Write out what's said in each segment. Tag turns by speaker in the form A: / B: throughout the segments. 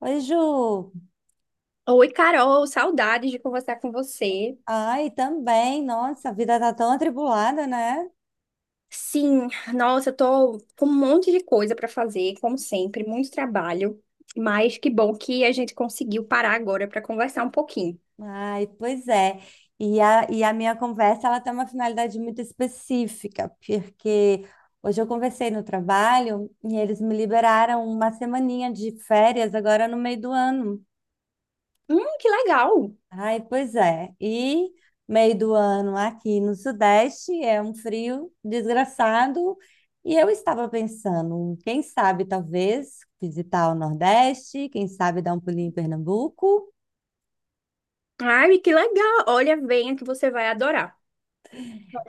A: Oi, Ju.
B: Oi, Carol, saudades de conversar com você.
A: Ai, também. Nossa, a vida tá tão atribulada, né?
B: Sim, nossa, eu tô com um monte de coisa pra fazer, como sempre, muito trabalho, mas que bom que a gente conseguiu parar agora pra conversar um pouquinho.
A: Ai, pois é. E a minha conversa, ela tem uma finalidade muito específica, porque hoje eu conversei no trabalho e eles me liberaram uma semaninha de férias agora no meio do ano.
B: Que legal!
A: Ai, pois é. E meio do ano aqui no Sudeste é um frio desgraçado. E eu estava pensando, quem sabe talvez visitar o Nordeste, quem sabe dar um pulinho em Pernambuco.
B: Ai, que legal! Olha, venha que você vai adorar.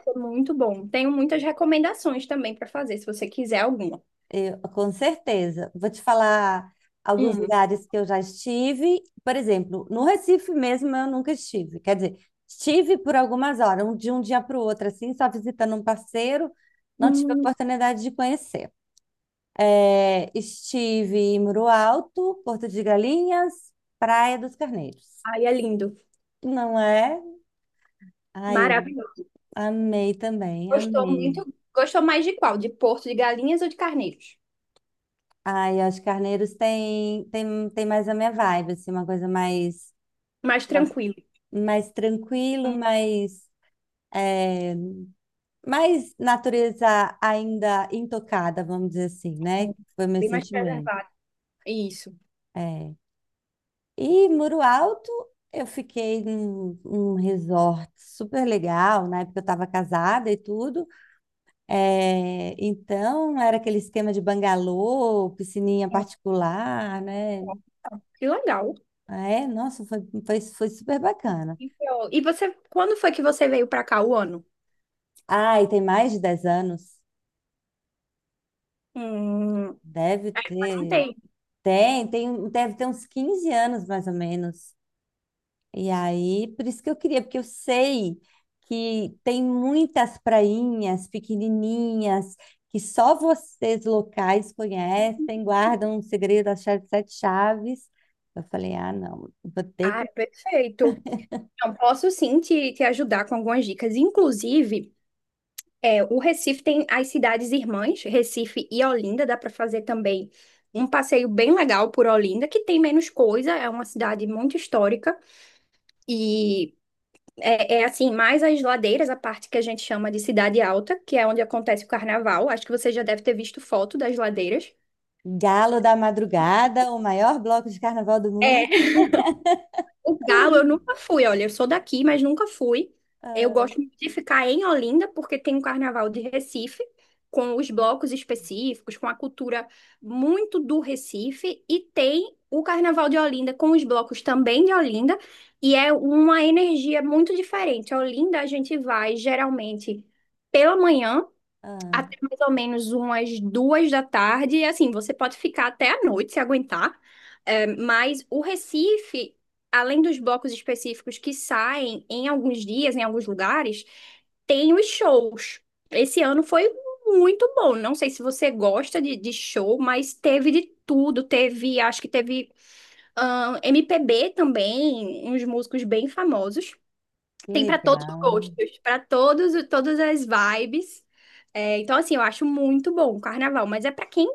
B: Foi muito bom. Tenho muitas recomendações também pra fazer, se você quiser alguma.
A: Eu, com certeza. Vou te falar alguns
B: Hum.
A: lugares que eu já estive. Por exemplo, no Recife mesmo eu nunca estive. Quer dizer, estive por algumas horas, de um dia para o outro, assim, só visitando um parceiro. Não tive a
B: Hum,
A: oportunidade de conhecer. É, estive em Muro Alto, Porto de Galinhas, Praia dos Carneiros.
B: ai, é lindo.
A: Não é? Ai, eu
B: Maravilhoso.
A: amei também,
B: Gostou
A: amei.
B: muito? Gostou mais de qual? De Porto de Galinhas ou de Carneiros?
A: Ai, acho que Carneiros tem mais a minha vibe, assim, uma coisa mais,
B: Mais tranquilo.
A: mais tranquilo, mais, é, mais natureza ainda intocada, vamos dizer assim, né?
B: Sim.
A: Foi meu
B: Bem mais
A: sentimento.
B: preservado. Isso.
A: É. E Muro Alto, eu fiquei num resort super legal, na época eu estava casada e tudo. É, então, era aquele esquema de bangalô, piscininha
B: É.
A: particular, né?
B: Que legal.
A: Ah, é, nossa, foi super bacana.
B: E você, quando foi que você veio pra cá o ano?
A: Ah, e tem mais de 10 anos.
B: Hum,
A: Deve
B: faz um
A: ter.
B: tempo.
A: Deve ter uns 15 anos, mais ou menos. E aí, por isso que eu queria, porque eu sei que tem muitas prainhas pequenininhas que só vocês locais conhecem, guardam um segredo, a chave de sete chaves. Eu falei, ah, não, vou ter
B: Ah,
A: que...
B: é perfeito. Então, posso sim te ajudar com algumas dicas. Inclusive, o Recife tem as cidades irmãs, Recife e Olinda. Dá para fazer também um passeio bem legal por Olinda, que tem menos coisa, é uma cidade muito histórica. E é assim, mais as ladeiras, a parte que a gente chama de Cidade Alta, que é onde acontece o carnaval. Acho que você já deve ter visto foto das ladeiras.
A: Galo da Madrugada, o maior bloco de carnaval do
B: É,
A: mundo.
B: o Galo eu nunca fui, olha, eu sou daqui, mas nunca fui. Eu
A: Ah,
B: gosto muito de ficar em Olinda, porque tem um carnaval de Recife, com os blocos específicos, com a cultura muito do Recife, e tem o carnaval de Olinda com os blocos também de Olinda, e é uma energia muito diferente. A Olinda a gente vai geralmente pela manhã
A: ah,
B: até mais ou menos umas 2 da tarde. E assim, você pode ficar até a noite se aguentar. É, mas o Recife, além dos blocos específicos que saem em alguns dias, em alguns lugares, tem os shows. Esse ano foi muito bom. Não sei se você gosta de show, mas teve de tudo. Teve, acho que teve, MPB também, uns músicos bem famosos. Tem para todos os
A: legal.
B: gostos, para todos, todas as vibes. É, então, assim, eu acho muito bom o carnaval, mas é para quem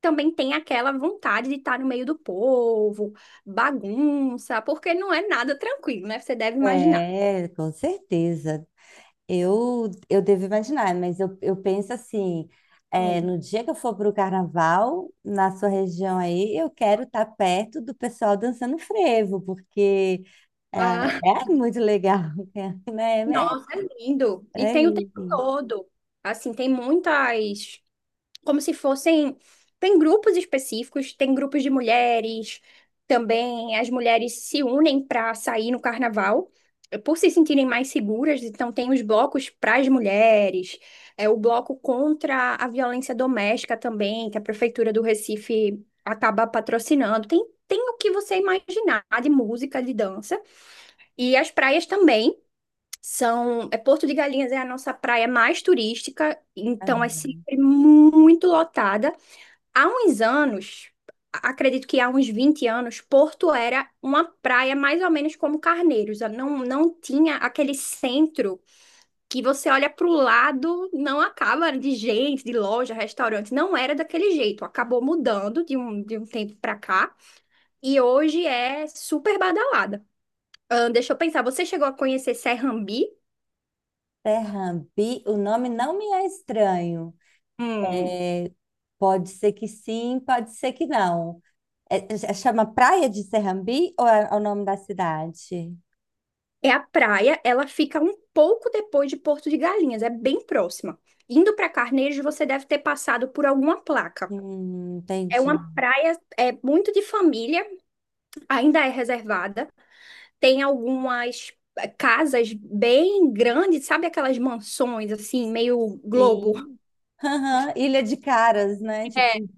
B: também tem aquela vontade de estar no meio do povo, bagunça, porque não é nada tranquilo, né? Você deve imaginar.
A: É, com certeza. Eu devo imaginar, mas eu penso assim, é,
B: Hum.
A: no dia que eu for para o carnaval, na sua região aí, eu quero estar perto do pessoal dançando frevo, porque é,
B: Ah,
A: é muito legal, né? É,
B: nossa, é lindo. E
A: é, é
B: tem o tempo
A: lindo.
B: todo. Assim, tem muitas como se fossem. Tem grupos específicos, tem grupos de mulheres, também as mulheres se unem para sair no carnaval, por se sentirem mais seguras, então tem os blocos para as mulheres, é o bloco contra a violência doméstica também, que a Prefeitura do Recife acaba patrocinando. Tem o que você imaginar de música, de dança, e as praias também. É Porto de Galinhas é a nossa praia mais turística, então é sempre muito lotada. Há uns anos, acredito que há uns 20 anos, Porto era uma praia mais ou menos como Carneiros. Ela Não, não tinha aquele centro que você olha para o lado, não acaba de gente, de loja, restaurante. Não era daquele jeito. Acabou mudando de um tempo para cá. E hoje é super badalada. Deixa eu pensar, você chegou a conhecer Serrambi?
A: Serrambi, o nome não me é estranho.
B: Um
A: Pode ser que sim, pode ser que não. É- chama Praia de Serrambi ou é, é o nome da cidade?
B: É a praia, ela fica um pouco depois de Porto de Galinhas, é bem próxima. Indo para Carneiro, você deve ter passado por alguma placa. É uma
A: Entendi.
B: praia, é muito de família, ainda é reservada. Tem algumas casas bem grandes, sabe aquelas mansões assim, meio globo.
A: Sim. Aham, Ilha de Caras, né? Tipo,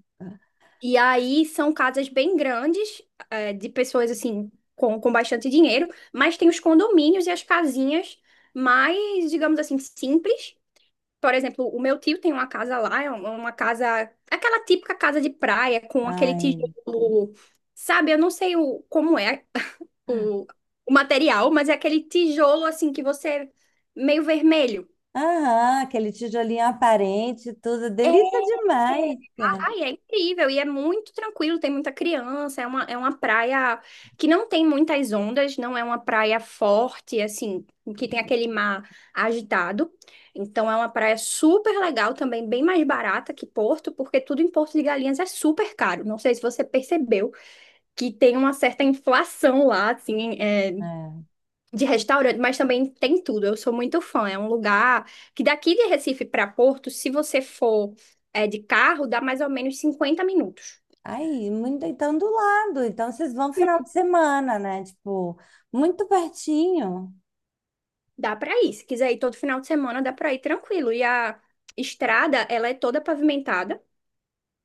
B: E aí são casas bem grandes, de pessoas assim com bastante dinheiro, mas tem os condomínios e as casinhas mais, digamos assim, simples. Por exemplo, o meu tio tem uma casa lá, é uma casa, aquela típica casa de praia, com aquele
A: ai.
B: tijolo, sabe? Eu não sei como é o, o material, mas é aquele tijolo assim que você, meio vermelho.
A: Aham, aquele tijolinho aparente, e tudo. Delícia demais,
B: É,
A: cara.
B: ai, é incrível e é muito tranquilo, tem muita criança, é uma praia que não tem muitas ondas, não é uma praia forte, assim, que tem aquele mar agitado. Então é uma praia super legal também, bem mais barata que Porto, porque tudo em Porto de Galinhas é super caro. Não sei se você percebeu que tem uma certa inflação lá, assim,
A: É.
B: de restaurante, mas também tem tudo. Eu sou muito fã. É um lugar que daqui de Recife para Porto, se você for de carro, dá mais ou menos 50 minutos.
A: Aí, muito, então do lado. Então vocês vão final de semana, né? Tipo, muito pertinho.
B: Dá para ir. Se quiser ir todo final de semana, dá para ir tranquilo. E a estrada, ela é toda pavimentada.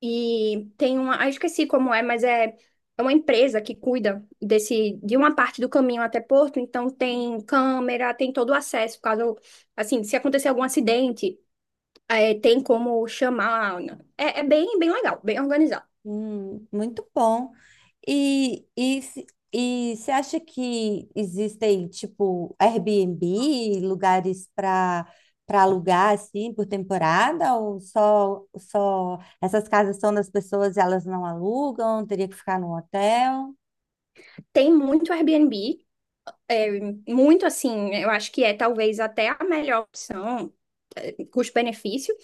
B: E tem uma. Ah, eu esqueci como é, mas é. É uma empresa que cuida desse, de uma parte do caminho até Porto, então tem câmera, tem todo o acesso, caso, assim, se acontecer algum acidente, é, tem como chamar, né? É, é bem, legal, bem organizado.
A: Muito bom. E, se- e você acha que existem, tipo, Airbnb, lugares para alugar, assim, por temporada? Ou só essas casas são das pessoas e elas não alugam? Teria que ficar no hotel?
B: Tem muito Airbnb, muito assim, eu acho que é talvez até a melhor opção, custo-benefício.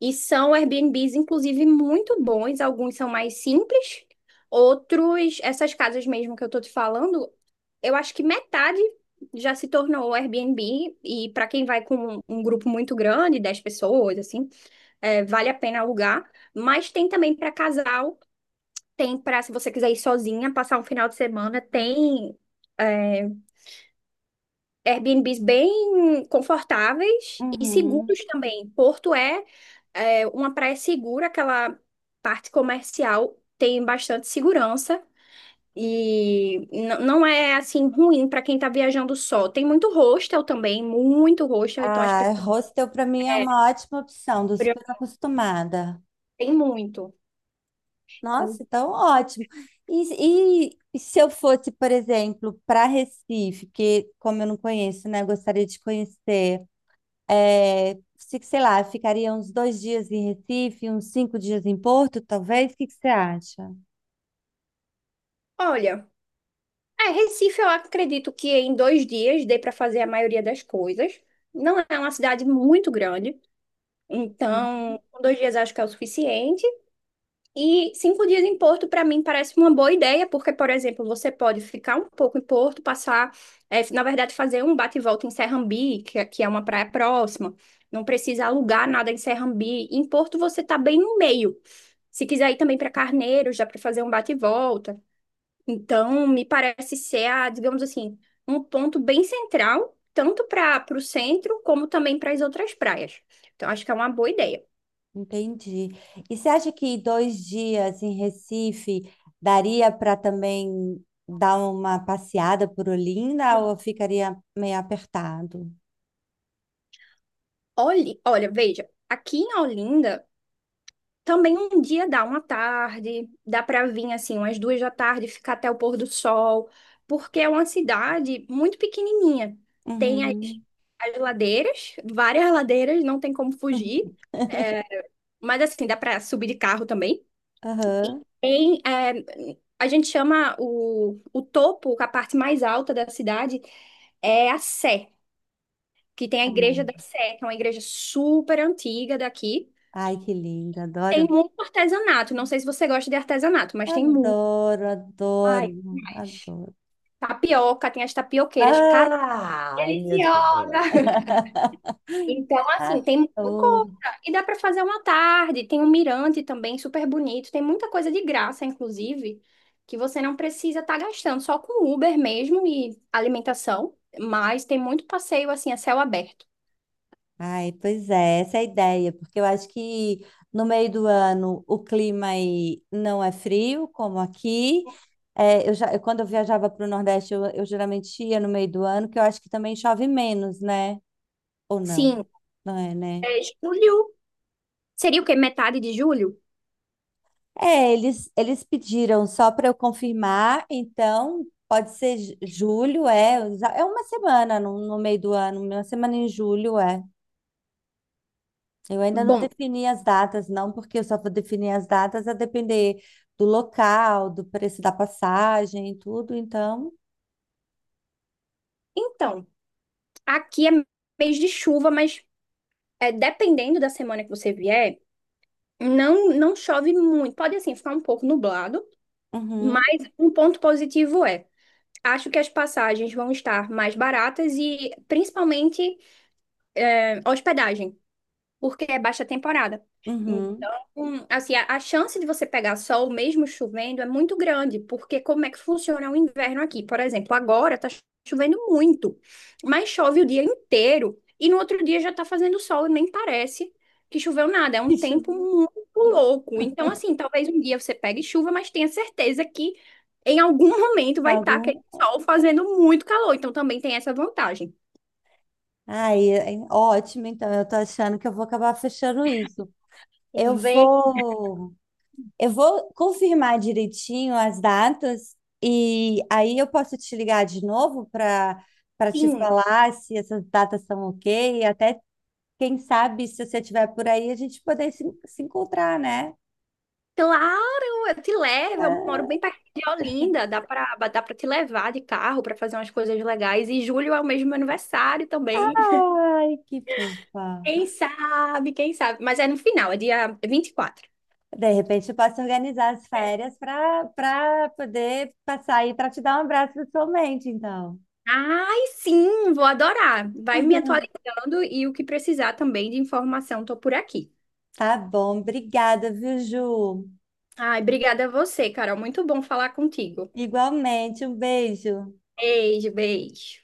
B: E são Airbnbs, inclusive, muito bons. Alguns são mais simples, outros, essas casas mesmo que eu tô te falando, eu acho que metade já se tornou Airbnb. E para quem vai com um grupo muito grande, 10 pessoas, assim, vale a pena alugar. Mas tem também para casal. Tem para se você quiser ir sozinha, passar um final de semana, tem é, Airbnbs bem confortáveis e
A: Uhum.
B: seguros também. Porto é uma praia segura, aquela parte comercial tem bastante segurança e não é assim ruim para quem tá viajando só. Tem muito hostel também, muito hostel, então as
A: Ah,
B: pessoas
A: hostel para mim é
B: é,
A: uma ótima opção, tô super acostumada.
B: tem muito.
A: Nossa, então ótimo. E se eu fosse, por exemplo, para Recife, que como eu não conheço, né, eu gostaria de conhecer, é, sei lá, ficaria uns 2 dias em Recife, uns 5 dias em Porto, talvez? O que que você acha?
B: Olha. É, Recife, eu acredito que em 2 dias dê para fazer a maioria das coisas. Não é uma cidade muito grande,
A: Uhum.
B: então com 2 dias acho que é o suficiente. E 5 dias em Porto, para mim, parece uma boa ideia, porque, por exemplo, você pode ficar um pouco em Porto, passar, na verdade, fazer um bate e volta em Serrambi, que é uma praia próxima. Não precisa alugar nada em Serrambi. Em Porto, você tá bem no meio. Se quiser ir também para Carneiros, dá para fazer um bate e volta. Então, me parece ser, digamos assim, um ponto bem central, tanto para o centro como também para as outras praias. Então, acho que é uma boa ideia.
A: Entendi. E você acha que 2 dias em Recife daria para também dar uma passeada por Olinda ou eu ficaria meio apertado?
B: Olhe, olha, veja, aqui em Olinda também um dia dá uma tarde, dá para vir assim, umas 2 da tarde, ficar até o pôr do sol, porque é uma cidade muito pequenininha. Tem as,
A: Uhum.
B: as ladeiras, várias ladeiras, não tem como fugir, mas assim, dá para subir de carro também. E
A: Aham.
B: tem, a gente chama o topo, a parte mais alta da cidade, é a Sé, que tem a Igreja da Sé, que é uma igreja super antiga daqui.
A: Ai, que lindo,
B: Tem
A: adoro.
B: muito artesanato, não sei se você gosta de artesanato, mas tem muito.
A: Adoro, adoro,
B: Ai, mas
A: adoro.
B: tapioca, tem as tapioqueiras, cara,
A: Ai, meu Deus.
B: deliciosa! Então, assim, tem muita coisa.
A: Adoro.
B: E dá para fazer uma tarde. Tem um mirante também, super bonito. Tem muita coisa de graça, inclusive, que você não precisa estar gastando só com Uber mesmo e alimentação. Mas tem muito passeio, assim, a céu aberto.
A: Ai, pois é, essa é a ideia, porque eu acho que no meio do ano o clima aí não é frio, como aqui. É, eu já, eu- quando eu viajava para o Nordeste, eu geralmente ia no meio do ano, que eu acho que também chove menos, né? Ou não?
B: Sim,
A: Não é, né?
B: é julho. Seria o quê? Metade de julho?
A: É, eles pediram só para eu confirmar, então pode ser julho, é, é uma semana no meio do ano, uma semana em julho, é. Eu ainda não
B: Bom,
A: defini as datas, não, porque eu só vou definir as datas a depender do local, do preço da passagem e tudo, então.
B: então, aqui é mês de chuva, mas dependendo da semana que você vier, não, não chove muito. Pode, assim, ficar um pouco nublado.
A: Uhum,
B: Mas um ponto positivo é. Acho que as passagens vão estar mais baratas e principalmente hospedagem porque é baixa temporada.
A: uhum.
B: Então, assim, a chance de você pegar sol mesmo chovendo é muito grande, porque como é que funciona o inverno aqui? Por exemplo, agora tá chovendo muito, mas chove o dia inteiro e no outro dia já tá fazendo sol e nem parece que choveu nada. É um
A: Deixa eu
B: tempo
A: ver.
B: muito louco. Então, assim, talvez um dia você pegue chuva, mas tenha certeza que em algum momento
A: Tem
B: vai estar
A: algum?
B: aquele sol fazendo muito calor. Então, também tem essa vantagem.
A: Ai, é, ótimo, então eu tô achando que eu vou acabar fechando isso. Eu
B: Vê,
A: vou. Eu vou confirmar direitinho as datas e aí eu posso te ligar de novo para te
B: sim,
A: falar se essas datas são ok, e até quem sabe se você estiver por aí a gente poder se encontrar, né?
B: claro, eu te levo. Eu moro bem perto de Olinda. Dá pra te levar de carro pra fazer umas coisas legais. E julho é o mesmo meu aniversário também.
A: Ai, que fofa.
B: Quem sabe, quem sabe. Mas é no final, é dia 24.
A: De repente eu posso organizar as férias para poder passar aí para te dar um abraço pessoalmente, então.
B: Ai, sim, vou adorar. Vai me atualizando e o que precisar também de informação, tô por aqui.
A: Tá bom, obrigada, viu, Ju?
B: Ai, obrigada a você, Carol. Muito bom falar contigo.
A: Igualmente, um beijo.
B: Beijo, beijo.